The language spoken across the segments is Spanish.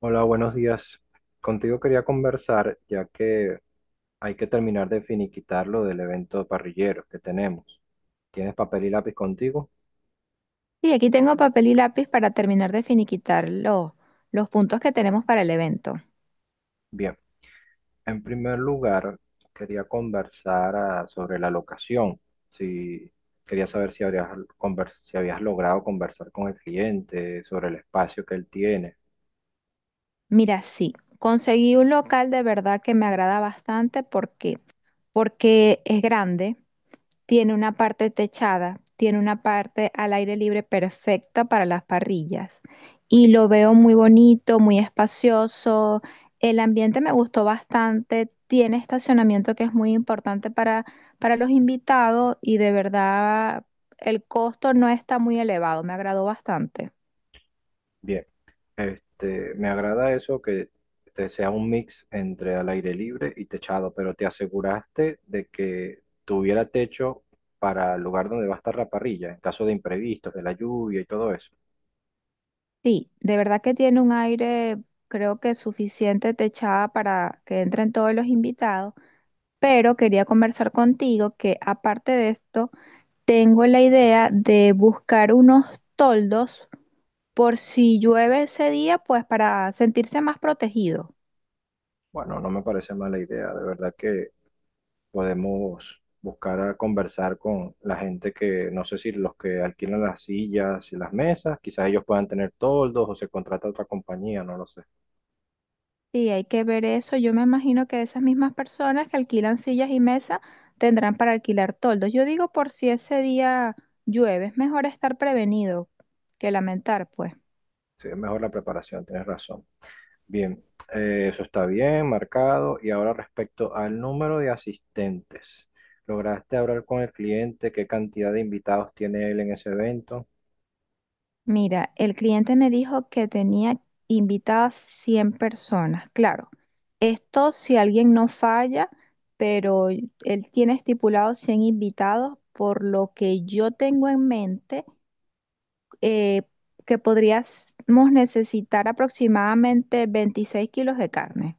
Hola, buenos días. Contigo quería conversar, ya que hay que terminar de finiquitar lo del evento de parrilleros que tenemos. ¿Tienes papel y lápiz contigo? Sí, aquí tengo papel y lápiz para terminar de finiquitar los puntos que tenemos para el evento. Bien. En primer lugar, quería conversar sobre la locación. Si quería saber si habrías si habías logrado conversar con el cliente sobre el espacio que él tiene. Mira, sí, conseguí un local de verdad que me agrada bastante porque es grande, tiene una parte techada, tiene una parte al aire libre perfecta para las parrillas y lo veo muy bonito, muy espacioso. El ambiente me gustó bastante, tiene estacionamiento que es muy importante para los invitados y de verdad el costo no está muy elevado, me agradó bastante. Bien. Me agrada eso que te sea un mix entre al aire libre y techado, pero te aseguraste de que tuviera techo para el lugar donde va a estar la parrilla, en caso de imprevistos, de la lluvia y todo eso. Sí, de verdad que tiene un aire, creo que suficiente techada para que entren todos los invitados, pero quería conversar contigo que aparte de esto, tengo la idea de buscar unos toldos por si llueve ese día, pues para sentirse más protegido. Bueno, no me parece mala idea, de verdad que podemos buscar a conversar con la gente que, no sé si los que alquilan las sillas y las mesas, quizás ellos puedan tener toldos o se contrata otra compañía, no lo sé. Sí, hay que ver eso. Yo me imagino que esas mismas personas que alquilan sillas y mesas tendrán para alquilar toldos. Yo digo por si ese día llueve, es mejor estar prevenido que lamentar, pues. Sí, es mejor la preparación, tienes razón. Bien, eso está bien, marcado. Y ahora respecto al número de asistentes, ¿lograste hablar con el cliente? ¿Qué cantidad de invitados tiene él en ese evento? Mira, el cliente me dijo que tenía invitadas 100 personas. Claro, esto si alguien no falla, pero él tiene estipulado 100 invitados, por lo que yo tengo en mente eh, que podríamos necesitar aproximadamente 26 kilos de carne.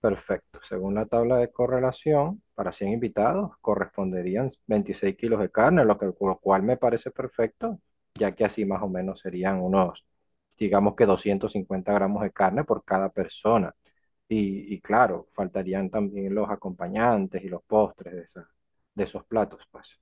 Perfecto. Según la tabla de correlación, para 100 invitados corresponderían 26 kilos de carne, lo que, lo cual me parece perfecto, ya que así más o menos serían unos, digamos que 250 gramos de carne por cada persona. Y claro, faltarían también los acompañantes y los postres de esos platos, pues.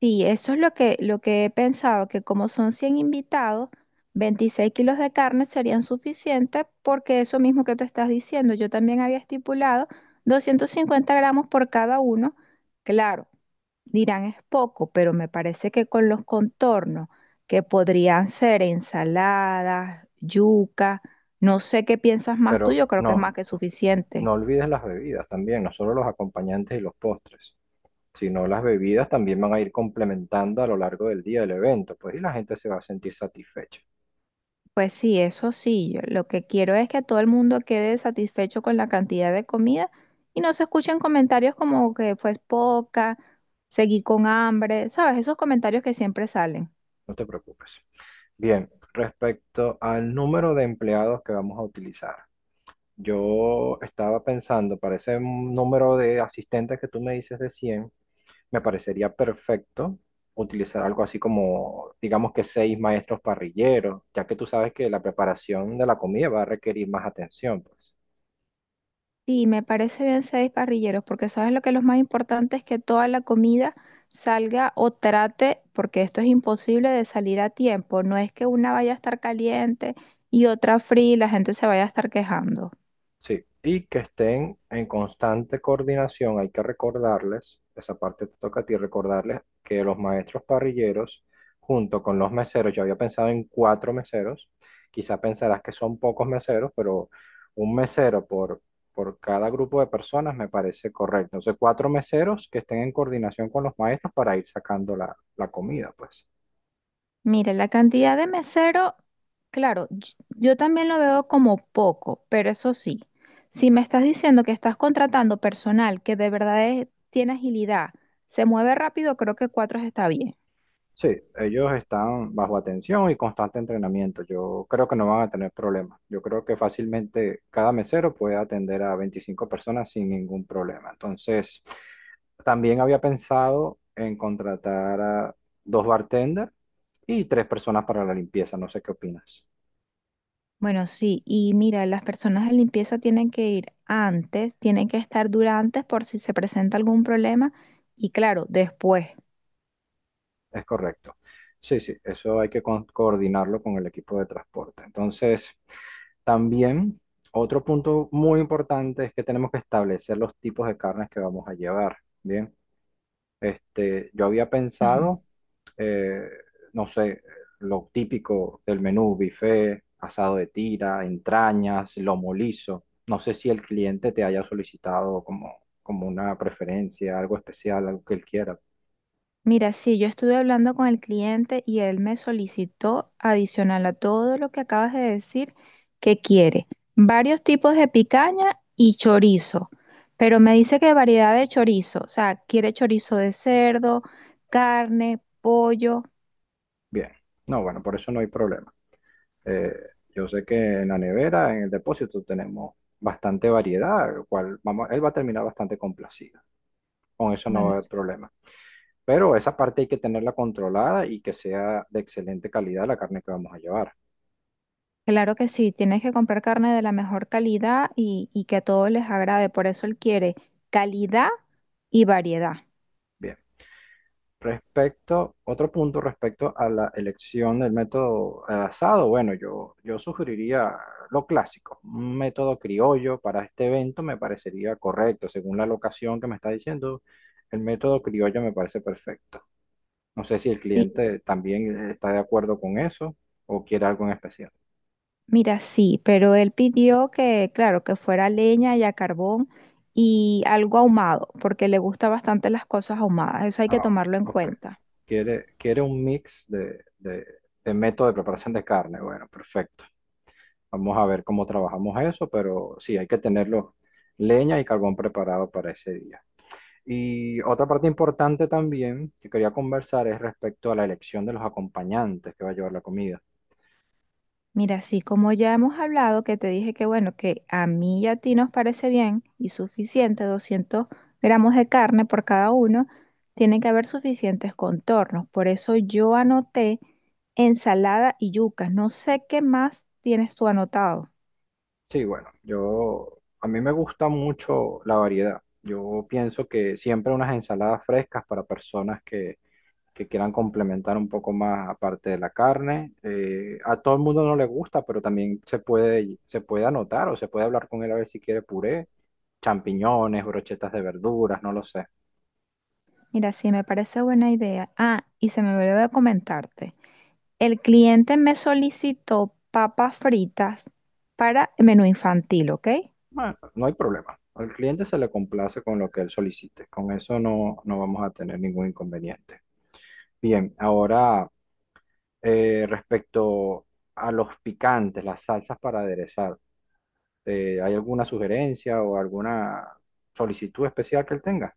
Sí, eso es lo que he pensado, que como son 100 invitados, 26 kilos de carne serían suficientes porque eso mismo que tú estás diciendo, yo también había estipulado 250 gramos por cada uno. Claro, dirán es poco, pero me parece que con los contornos, que podrían ser ensaladas, yuca, no sé qué piensas más tú, Pero yo creo que es no, más que no suficiente. olvides las bebidas también, no solo los acompañantes y los postres. Si no las bebidas también van a ir complementando a lo largo del día del evento, pues y la gente se va a sentir satisfecha, Pues sí, eso sí, yo lo que quiero es que todo el mundo quede satisfecho con la cantidad de comida y no se escuchen comentarios como que fue poca, seguí con hambre, ¿sabes? Esos comentarios que siempre salen. no te preocupes. Bien, respecto al número de empleados que vamos a utilizar, yo estaba pensando para ese número de asistentes que tú me dices de 100 me parecería perfecto utilizar algo así como, digamos que seis maestros parrilleros, ya que tú sabes que la preparación de la comida va a requerir más atención, pues. Sí, me parece bien seis parrilleros, porque sabes lo que lo más importante es que toda la comida salga o trate, porque esto es imposible de salir a tiempo. No es que una vaya a estar caliente y otra fría y la gente se vaya a estar quejando. Sí, y que estén en constante coordinación. Hay que recordarles, esa parte te toca a ti, recordarles que los maestros parrilleros, junto con los meseros, yo había pensado en cuatro meseros, quizá pensarás que son pocos meseros, pero un mesero por cada grupo de personas me parece correcto. Entonces, cuatro meseros que estén en coordinación con los maestros para ir sacando la comida, pues. Mire, la cantidad de mesero, claro, yo también lo veo como poco, pero eso sí, si me estás diciendo que estás contratando personal que de verdad tiene agilidad, se mueve rápido, creo que cuatro está bien. Sí, ellos están bajo atención y constante entrenamiento. Yo creo que no van a tener problemas. Yo creo que fácilmente cada mesero puede atender a 25 personas sin ningún problema. Entonces, también había pensado en contratar a dos bartenders y tres personas para la limpieza. No sé qué opinas. Bueno, sí, y mira, las personas de limpieza tienen que ir antes, tienen que estar durante por si se presenta algún problema y claro, después. Es correcto. Sí, sí, eso hay que coordinarlo con el equipo de transporte. Entonces, también otro punto muy importante es que tenemos que establecer los tipos de carnes que vamos a llevar. Bien, yo había Ajá. pensado, eh, no sé, lo típico del menú, buffet, asado de tira, entrañas, lomo liso. No sé si el cliente te haya solicitado como, como una preferencia, algo especial, algo que él quiera. Mira, sí, yo estuve hablando con el cliente y él me solicitó, adicional a todo lo que acabas de decir, que quiere varios tipos de picaña y chorizo, pero me dice que variedad de chorizo, o sea, quiere chorizo de cerdo, carne, pollo. Bien. No, bueno, por eso no hay problema. Eh, yo sé que en la nevera, en el depósito, tenemos bastante variedad, lo cual vamos, él va a terminar bastante complacido. Con eso no va a Bueno, haber problema. Pero esa parte hay que tenerla controlada y que sea de excelente calidad la carne que vamos a llevar. claro que sí, tienes que comprar carne de la mejor calidad y que a todos les agrade, por eso él quiere calidad y variedad. Bien. Respecto, otro punto respecto a la elección del método al asado, bueno, yo sugeriría lo clásico, un método criollo para este evento me parecería correcto, según la locación que me está diciendo, el método criollo me parece perfecto. No sé si el cliente también está de acuerdo con eso o quiere algo en especial. Mira, sí, pero él pidió que, claro, que fuera leña y a carbón y algo ahumado, porque le gusta bastante las cosas ahumadas, eso hay que Ah, tomarlo en ok, cuenta. quiere un mix de método de preparación de carne, bueno, perfecto. Vamos a ver cómo trabajamos eso, pero sí, hay que tenerlo leña y carbón preparado para ese día. Y otra parte importante también que quería conversar es respecto a la elección de los acompañantes que va a llevar la comida. Mira, sí, como ya hemos hablado, que te dije que bueno, que a mí y a ti nos parece bien y suficiente, 200 gramos de carne por cada uno, tienen que haber suficientes contornos, por eso yo anoté ensalada y yucas, no sé qué más tienes tú anotado. Sí, bueno, yo, a mí me gusta mucho la variedad. Yo pienso que siempre unas ensaladas frescas para personas que quieran complementar un poco más aparte de la carne. A todo el mundo no le gusta, pero también se puede anotar o se puede hablar con él a ver si quiere puré, champiñones, brochetas de verduras, no lo sé. Mira, sí, me parece buena idea. Ah, y se me olvidó de comentarte. El cliente me solicitó papas fritas para menú infantil, ¿ok? Bueno, no hay problema. Al cliente se le complace con lo que él solicite. Con eso no, no vamos a tener ningún inconveniente. Bien, ahora... Respecto a los picantes, las salsas para aderezar, ¿hay alguna sugerencia o alguna solicitud especial que él tenga?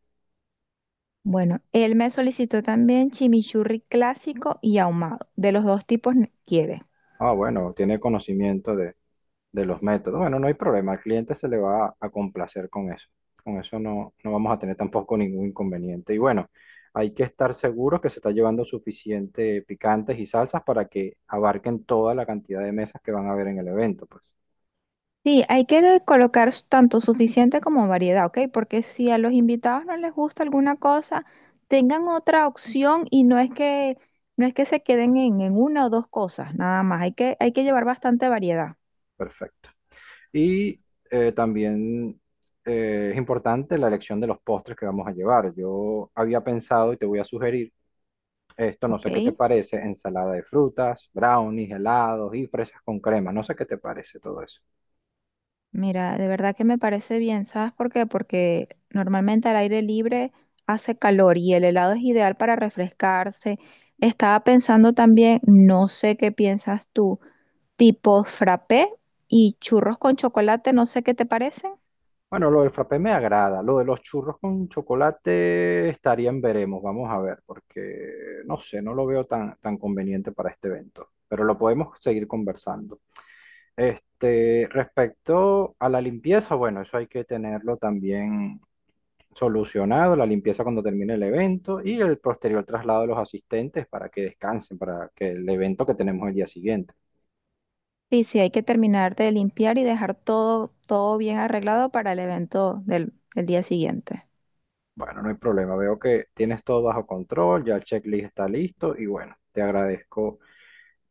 Bueno, él me solicitó también chimichurri clásico y ahumado. De los dos tipos quiere. Ah, bueno, tiene conocimiento de los métodos. Bueno, no hay problema, al cliente se le va a complacer con eso. Con eso no, no vamos a tener tampoco ningún inconveniente. Y bueno, hay que estar seguros que se está llevando suficiente picantes y salsas para que abarquen toda la cantidad de mesas que van a haber en el evento, pues. Sí, hay que colocar tanto suficiente como variedad, ¿ok? Porque si a los invitados no les gusta alguna cosa, tengan otra opción y no es que se queden en una o dos cosas, nada más. Hay que llevar bastante variedad, Perfecto. Y también es importante la elección de los postres que vamos a llevar. Yo había pensado y te voy a sugerir esto, no sé qué te ¿ok? parece, ensalada de frutas, brownies, helados y fresas con crema. No sé qué te parece todo eso. Mira, de verdad que me parece bien, ¿sabes por qué? Porque normalmente al aire libre hace calor y el helado es ideal para refrescarse. Estaba pensando también, no sé qué piensas tú, tipo frappé y churros con chocolate, no sé qué te parecen. Bueno, lo del frappé me agrada. Lo de los churros con chocolate estaría en veremos. Vamos a ver, porque no sé, no lo veo tan, tan conveniente para este evento. Pero lo podemos seguir conversando. Este, respecto a la limpieza, bueno, eso hay que tenerlo también solucionado, la limpieza cuando termine el evento y el posterior traslado de los asistentes para que descansen, para que el evento que tenemos el día siguiente. Y si hay que terminar de limpiar y dejar todo, todo bien arreglado para el evento del día siguiente. Bueno, no hay problema, veo que tienes todo bajo control, ya el checklist está listo y bueno, te agradezco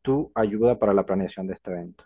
tu ayuda para la planeación de este evento.